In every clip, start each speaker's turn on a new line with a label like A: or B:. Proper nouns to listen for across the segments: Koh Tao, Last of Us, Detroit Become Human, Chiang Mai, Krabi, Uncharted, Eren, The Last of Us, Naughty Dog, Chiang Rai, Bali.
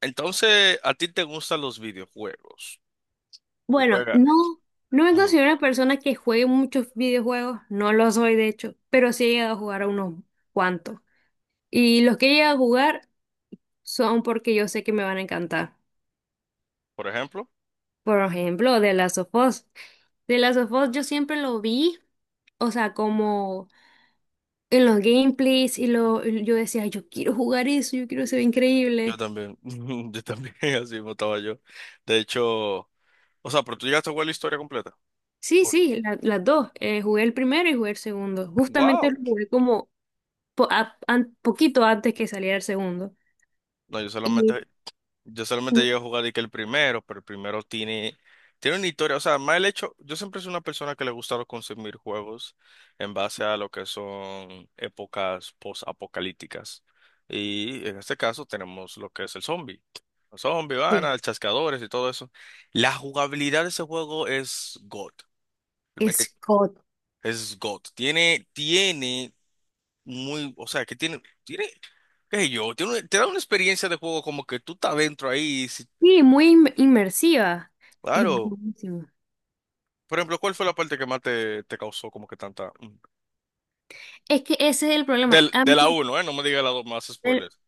A: Entonces, ¿a ti te gustan los videojuegos?
B: Bueno,
A: Juega.
B: no, no me
A: Ajá.
B: considero una persona que juegue muchos videojuegos, no lo soy de hecho, pero sí he llegado a jugar a unos cuantos. Y los que he llegado a jugar son porque yo sé que me van a encantar.
A: Por ejemplo,
B: Por ejemplo, de Last of Us. The Last of Us yo siempre lo vi, o sea, como en los gameplays y yo decía, yo quiero jugar eso, yo quiero ser
A: yo
B: increíble.
A: también. Yo también, así mismo estaba yo. De hecho, o sea, pero tú llegaste a jugar la historia completa.
B: Sí,
A: Por-
B: sí, las dos. Jugué el primero y jugué el segundo. Justamente lo
A: ¡Wow!
B: jugué como poquito antes que saliera el segundo.
A: No, yo solamente. Yo solamente llego a jugar y que el primero, pero el primero tiene, tiene una historia. O sea, más el hecho, yo siempre soy una persona que le gusta consumir juegos en base a lo que son épocas post-apocalípticas. Y en este caso tenemos lo que es el zombie. Los zombies, van
B: Sí.
A: a chascadores y todo eso. La jugabilidad de ese juego es God. Realmente
B: Scott.
A: es God. Tiene muy, o sea, que tiene, qué sé yo, tiene, te da una experiencia de juego como que tú estás dentro ahí.
B: Sí, muy inmersiva. Es
A: Claro.
B: buenísimo.
A: Por ejemplo, ¿cuál fue la parte que más te causó como que tanta mm?
B: Es que ese es el problema. A mí,
A: ¿De la uno? ¿Eh? No me digas la dos, más
B: el-
A: spoilers.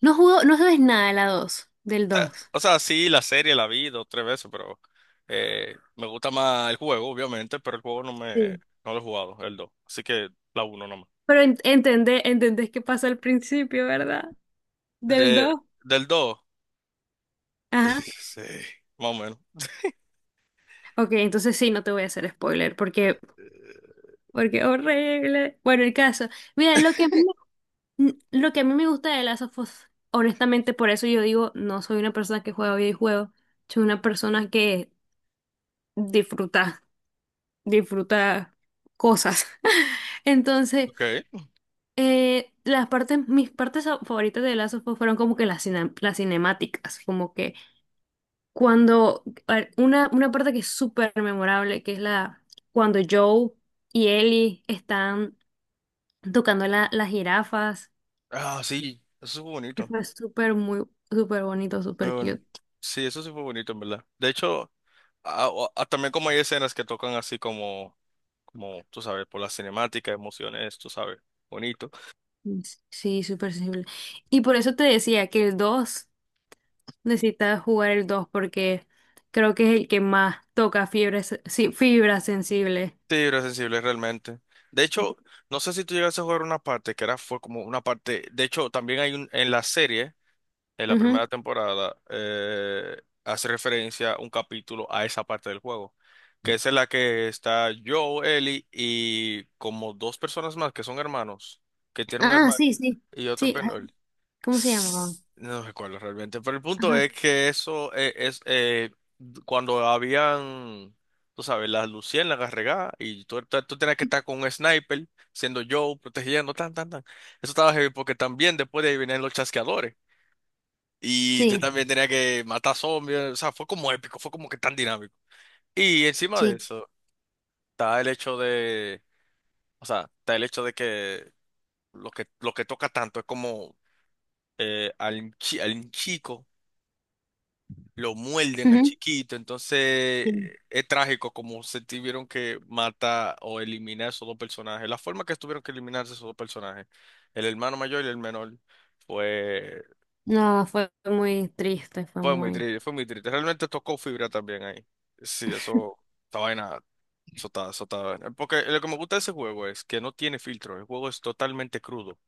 B: no jugó, no sabes nada de la 2 del 2.
A: O sea, sí, la serie la vi dos, tres veces, pero me gusta más el juego, obviamente, pero el juego no me.
B: Sí.
A: No lo he jugado el dos, así que la 1 nomás.
B: Pero entendés qué pasa al principio, ¿verdad? Del
A: De,
B: 2.
A: del 2,
B: Ajá.
A: sí, más o menos.
B: Ok, entonces sí, no te voy a hacer spoiler porque,
A: Eh,
B: porque horrible. Bueno, el caso. Mira, lo que a mí me gusta de Last of Us, honestamente, por eso yo digo, no soy una persona que juega videojuegos, soy una persona que disfruta. disfruta cosas. Entonces,
A: ok.
B: mis partes favoritas de Last of Us fueron como que las cinemáticas, como que cuando, a ver, una parte que es súper memorable, que es cuando Joe y Ellie están tocando las jirafas,
A: Ah, sí, eso fue
B: que
A: bonito.
B: fue súper, muy, súper bonito,
A: Muy
B: súper
A: boni-
B: cute.
A: Sí, eso sí fue bonito, en verdad. De hecho, ah, también como hay escenas que tocan así como, tú sabes, por la cinemática, emociones, tú sabes, bonito.
B: Sí, súper sensible. Y por eso te decía que el 2 necesitas jugar el 2 porque creo que es el que más toca fibra, sí, fibra sensible.
A: Sí, era sensible realmente. De hecho, no sé si tú llegaste a jugar una parte que era, fue como una parte. De hecho, también hay un, en la serie, en la
B: Ujú.
A: primera temporada, hace referencia un capítulo a esa parte del juego, que es en la que está Joe, Ellie y como dos personas más que son hermanos, que tiene un
B: Ah,
A: hermano
B: sí, sí.
A: y otro
B: Sí, ay,
A: penal.
B: ¿cómo se llamaba?
A: No recuerdo realmente, pero el punto
B: Ajá.
A: es que eso es, cuando habían, tú sabes, las luciérnagas regadas y tú tenías que estar con un sniper, siendo yo, protegiendo, tan, tan, tan. Eso estaba heavy porque también después de ahí venían los chasqueadores y yo
B: Sí,
A: también tenía que matar zombies. O sea, fue como épico, fue como que tan dinámico. Y encima de
B: sí.
A: eso está el hecho de, o sea, está el hecho de que lo que, lo que toca tanto es como al chico. Lo muelden al
B: Ujú.
A: chiquito, entonces
B: Sí.
A: es trágico como se tuvieron que matar o eliminar esos dos personajes. La forma que tuvieron que eliminarse esos dos personajes, el hermano mayor y el menor, fue,
B: No, fue muy triste,
A: fue muy triste, fue muy triste. Realmente tocó fibra también ahí. Sí, eso, esta vaina, porque lo que me gusta de ese juego es que no tiene filtro, el juego es totalmente crudo.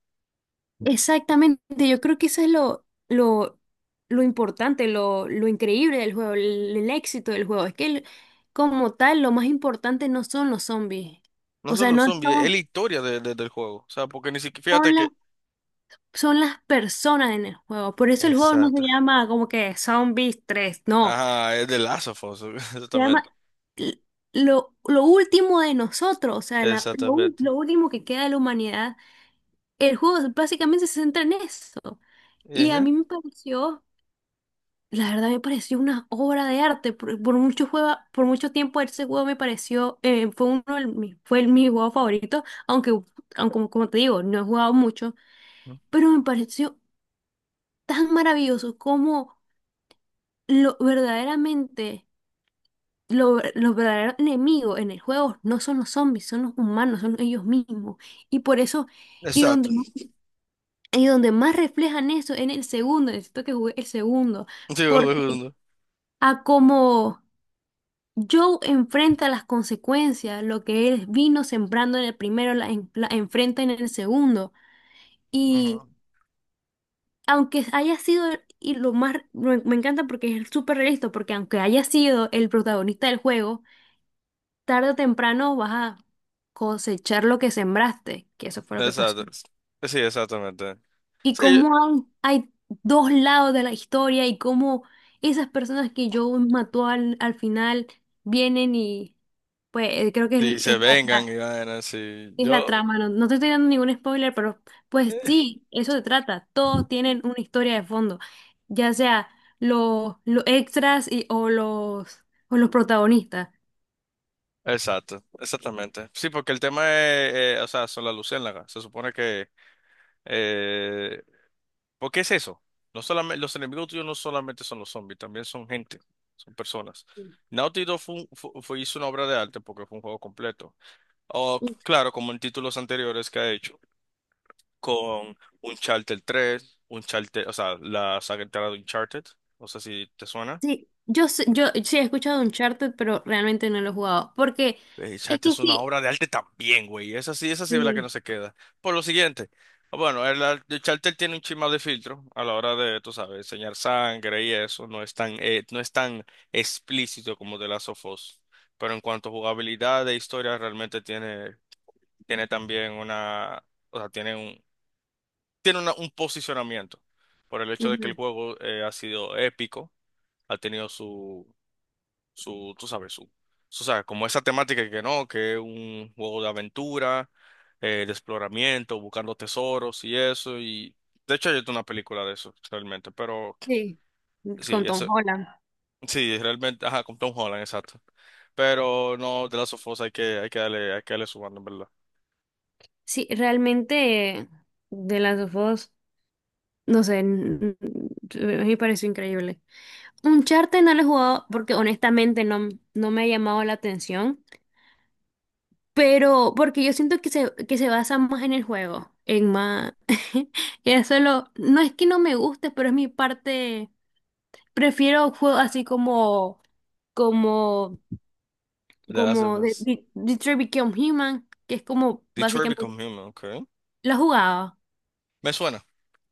B: Exactamente, yo creo que eso es lo importante, lo increíble del juego, el éxito del juego. Es que como tal, lo más importante no son los zombies.
A: No
B: O
A: son
B: sea,
A: los
B: no
A: zombies, es la
B: son,
A: historia del juego. O sea, porque ni siquiera, fíjate
B: son
A: que.
B: las son las personas en el juego. Por eso el juego no se
A: Exacto.
B: llama como que Zombies 3 no.
A: Ajá, es de Last of Us,
B: Se llama
A: exactamente.
B: l- lo último de nosotros, o sea,
A: Exatamente.
B: lo último que queda de la humanidad. El juego básicamente se centra en eso. Y a
A: Uhum.
B: mí me pareció, La verdad me pareció una obra de arte. Por mucho tiempo ese juego me pareció, fue uno de mis- fue el, mi juego favorito, aunque como te digo, no he jugado mucho pero me pareció tan maravilloso como lo verdaderamente, lo, ver- los verdaderos enemigos en el juego no son los zombies, son los humanos, son ellos mismos. Y por eso, y donde,
A: Exato.
B: y donde más reflejan eso en el segundo, necesito que juegue el segundo,
A: Digo,
B: porque
A: Bruno.
B: a como Joe enfrenta las consecuencias, lo que él vino sembrando en el primero, la enfrenta en el segundo.
A: Ujú,
B: Aunque haya sido, y lo más, Me encanta porque es súper realista, porque aunque haya sido el protagonista del juego, tarde o temprano vas a cosechar lo que sembraste, que eso fue lo que pasó.
A: exacto. Sí, exactamente.
B: Y
A: Sí,
B: cómo hay dos lados de la historia y cómo esas personas que yo mató al final vienen y, pues, creo que
A: y se vengan
B: la
A: y vayan, sí.
B: Es la
A: Yo,
B: trama, no, no te estoy dando ningún spoiler, pero pues
A: eh,
B: sí, eso se trata. Todos tienen una historia de fondo, ya sea los extras o los protagonistas.
A: exacto, exactamente. Sí, porque el tema es, o sea, son las luciérnagas. Se supone que. Eh, ¿Por qué es eso? No solamente, los enemigos tuyos no solamente son los zombies, también son gente, son personas. Naughty Dog fue, un- fu- fue- hizo una obra de arte porque fue un juego completo. O, claro, como en títulos anteriores que ha hecho, con Uncharted, o sea, la saga entera de Uncharted, no sé si te suena.
B: Sí, yo sí he escuchado Uncharted, pero realmente no lo he jugado, porque es
A: Uncharted
B: que
A: es una
B: sí,
A: obra de arte también, güey. Esa sí, esa sí es la que no
B: sí,
A: se queda. Por lo siguiente, bueno, Uncharted tiene un chima de filtro a la hora de, tú sabes, enseñar sangre y eso. No es tan, explícito como The Last of Us. Pero en cuanto a jugabilidad e historia, realmente tiene, tiene también una, o sea, tiene un posicionamiento, por el hecho de que el
B: ujú,
A: juego, ha sido épico. Ha tenido su, tú sabes, su, o sea, como esa temática que no, que es un juego de aventura, de exploramiento, buscando tesoros y eso. Y de hecho hay una película de eso, realmente, pero
B: sí,
A: sí,
B: con Tom
A: eso,
B: Holland.
A: sí, realmente, ajá, con Tom Holland, exacto. Pero no, de Last of Us hay que, hay que darle su banda, en ¿verdad?
B: Sí, realmente de las dos, no sé, a mí me pareció increíble. Uncharted no lo he jugado porque honestamente no me ha llamado la atención, pero porque yo siento que se basa más en el juego, en más. Y eso lo no es que no me guste, pero es mi parte, prefiero juegos así como,
A: The Last of
B: como
A: Us.
B: Detroit Become Human, que es como
A: Detroit
B: básicamente,
A: Become Human, okay.
B: lo he jugado,
A: Me suena,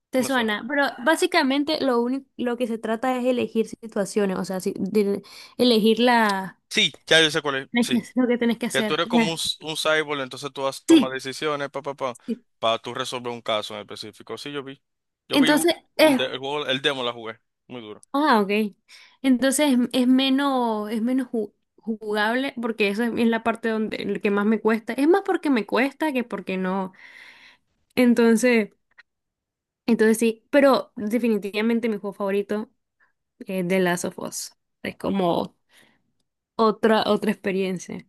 B: te
A: me suena.
B: suena, pero básicamente lo único, lo que se trata es elegir situaciones, o sea, elegir la.
A: Sí, ya yo sé cuál es,
B: Tenés que
A: sí.
B: hacer lo que tenés que
A: Que tú
B: hacer.
A: eres como un cyborg, entonces tú tomas
B: Sí,
A: decisiones, pa, pa, pa,
B: sí.
A: para tú resolver un caso en específico. Sí, yo vi. Yo vi u-
B: Entonces
A: un
B: es,
A: de- el juego, el demo la jugué, muy duro.
B: ah, ok. Entonces es menos jugable porque eso es la parte donde el que más me cuesta. Es más porque me cuesta que porque no. Entonces, entonces sí, pero definitivamente mi juego favorito es The Last of Us. Es como otra experiencia,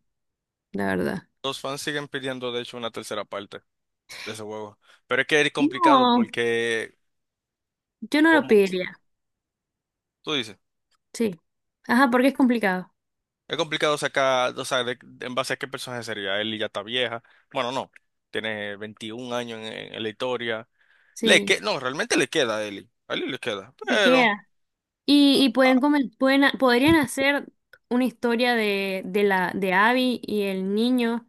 B: la verdad.
A: Los fans siguen pidiendo, de hecho, una tercera parte de ese juego. Pero es que es complicado
B: No,
A: porque,
B: yo no lo
A: como
B: pediría.
A: tú dices,
B: Sí. Ajá, porque es complicado.
A: es complicado sacar, o sea, en base a qué personaje sería. Ellie ya está vieja. Bueno, no, tiene 21 años en la historia. Le
B: Sí.
A: que, no, realmente le queda a Ellie. A Ellie le queda,
B: Me
A: pero.
B: queda. Y pueden comen- pueden, ha- podrían hacer una historia de la de Abby y el niño.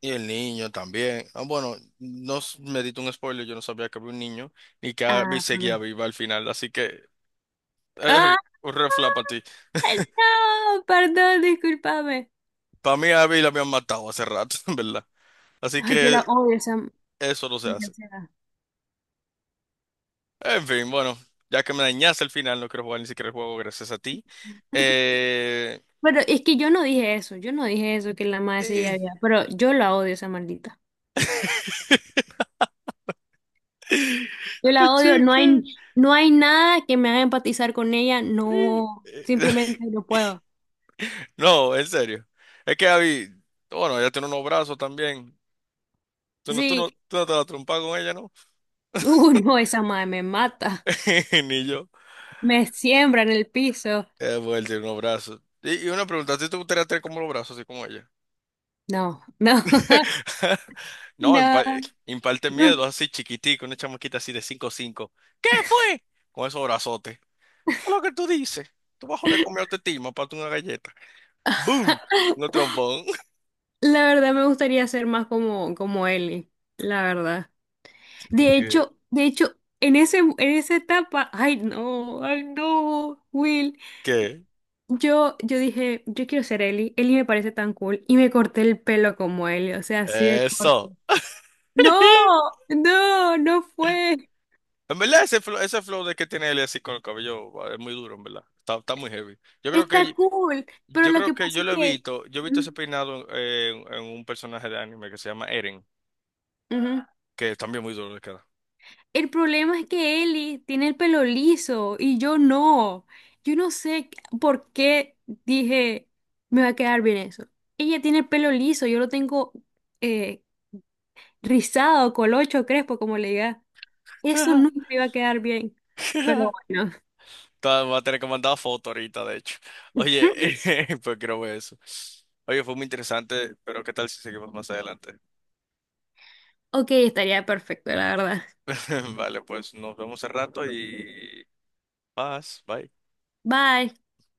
A: Y el niño también. Ah, bueno, no s- me diste un spoiler, yo no sabía que había un niño y que Abby
B: Ah,
A: seguía
B: vamos.
A: viva al final, así que eh,
B: ¡Ah!
A: un red flag para ti.
B: No, perdón, discúlpame.
A: Para mí a Abby la habían matado hace rato, en verdad. Así
B: Ay, yo
A: que
B: la odio, esa
A: eso no se
B: maldita
A: hace.
B: sea.
A: En fin, bueno, ya que me dañaste el final, no quiero jugar ni siquiera el juego gracias a ti. Eh...
B: Pero es que yo no dije eso, yo no dije eso que la madre se
A: eh,
B: había, pero yo la odio, esa maldita. Yo la odio, no hay,
A: chicken,
B: no hay nada que me haga empatizar con ella,
A: eh,
B: no,
A: eh.
B: simplemente no puedo.
A: No, en serio. Es que Abby, bueno, ella tiene unos brazos también. Tú no, tú
B: Sí,
A: no, tú no te vas a trompar con ella, ¿no?
B: no, esa madre me mata,
A: Ni yo.
B: me siembra en el piso.
A: Es bueno, tiene unos brazos. Y una pregunta, ¿si te gustaría tener como los brazos, así como ella?
B: No, no,
A: No,
B: no,
A: imparte
B: no.
A: miedo, así chiquitico, una chamaquita así de cinco cinco. ¿Qué fue? Con esos brazotes. ¿Qué? Es lo que tú dices. Tú vas a joder comerte timo, para una galleta. ¡Boom! Un trombón.
B: La verdad me gustaría ser más como Ellie, la verdad. De
A: ¿Qué?
B: hecho, de hecho, en esa etapa, ay no, Will.
A: ¿Qué?
B: Yo dije, yo quiero ser Ellie. Ellie me parece tan cool. Y me corté el pelo como Ellie, o sea, así de corto.
A: Eso.
B: No, no, no fue.
A: En verdad, ese flow de que tiene él así con el cabello va, es muy duro, en verdad. Está muy heavy. Yo creo
B: Está
A: que
B: cool. Pero
A: Yo
B: lo que
A: creo que
B: pasa es que.
A: yo he visto ese
B: Ujú,
A: peinado, en un personaje de anime que se llama Eren,
B: ujú.
A: que es también muy duro de cara.
B: El problema es que Eli tiene el pelo liso y yo no. Yo no sé por qué dije, me va a quedar bien eso. Ella tiene el pelo liso, yo lo tengo eh, rizado, colocho, crespo, como le diga. Eso nunca iba a quedar bien. Pero bueno,
A: Va a tener que mandar foto ahorita, de hecho. Oye, pues creo que eso. Oye, fue muy interesante, pero ¿qué tal si seguimos más adelante?
B: ok, estaría perfecto, la verdad.
A: Vale, pues nos vemos al rato y paz, bye.
B: Bye.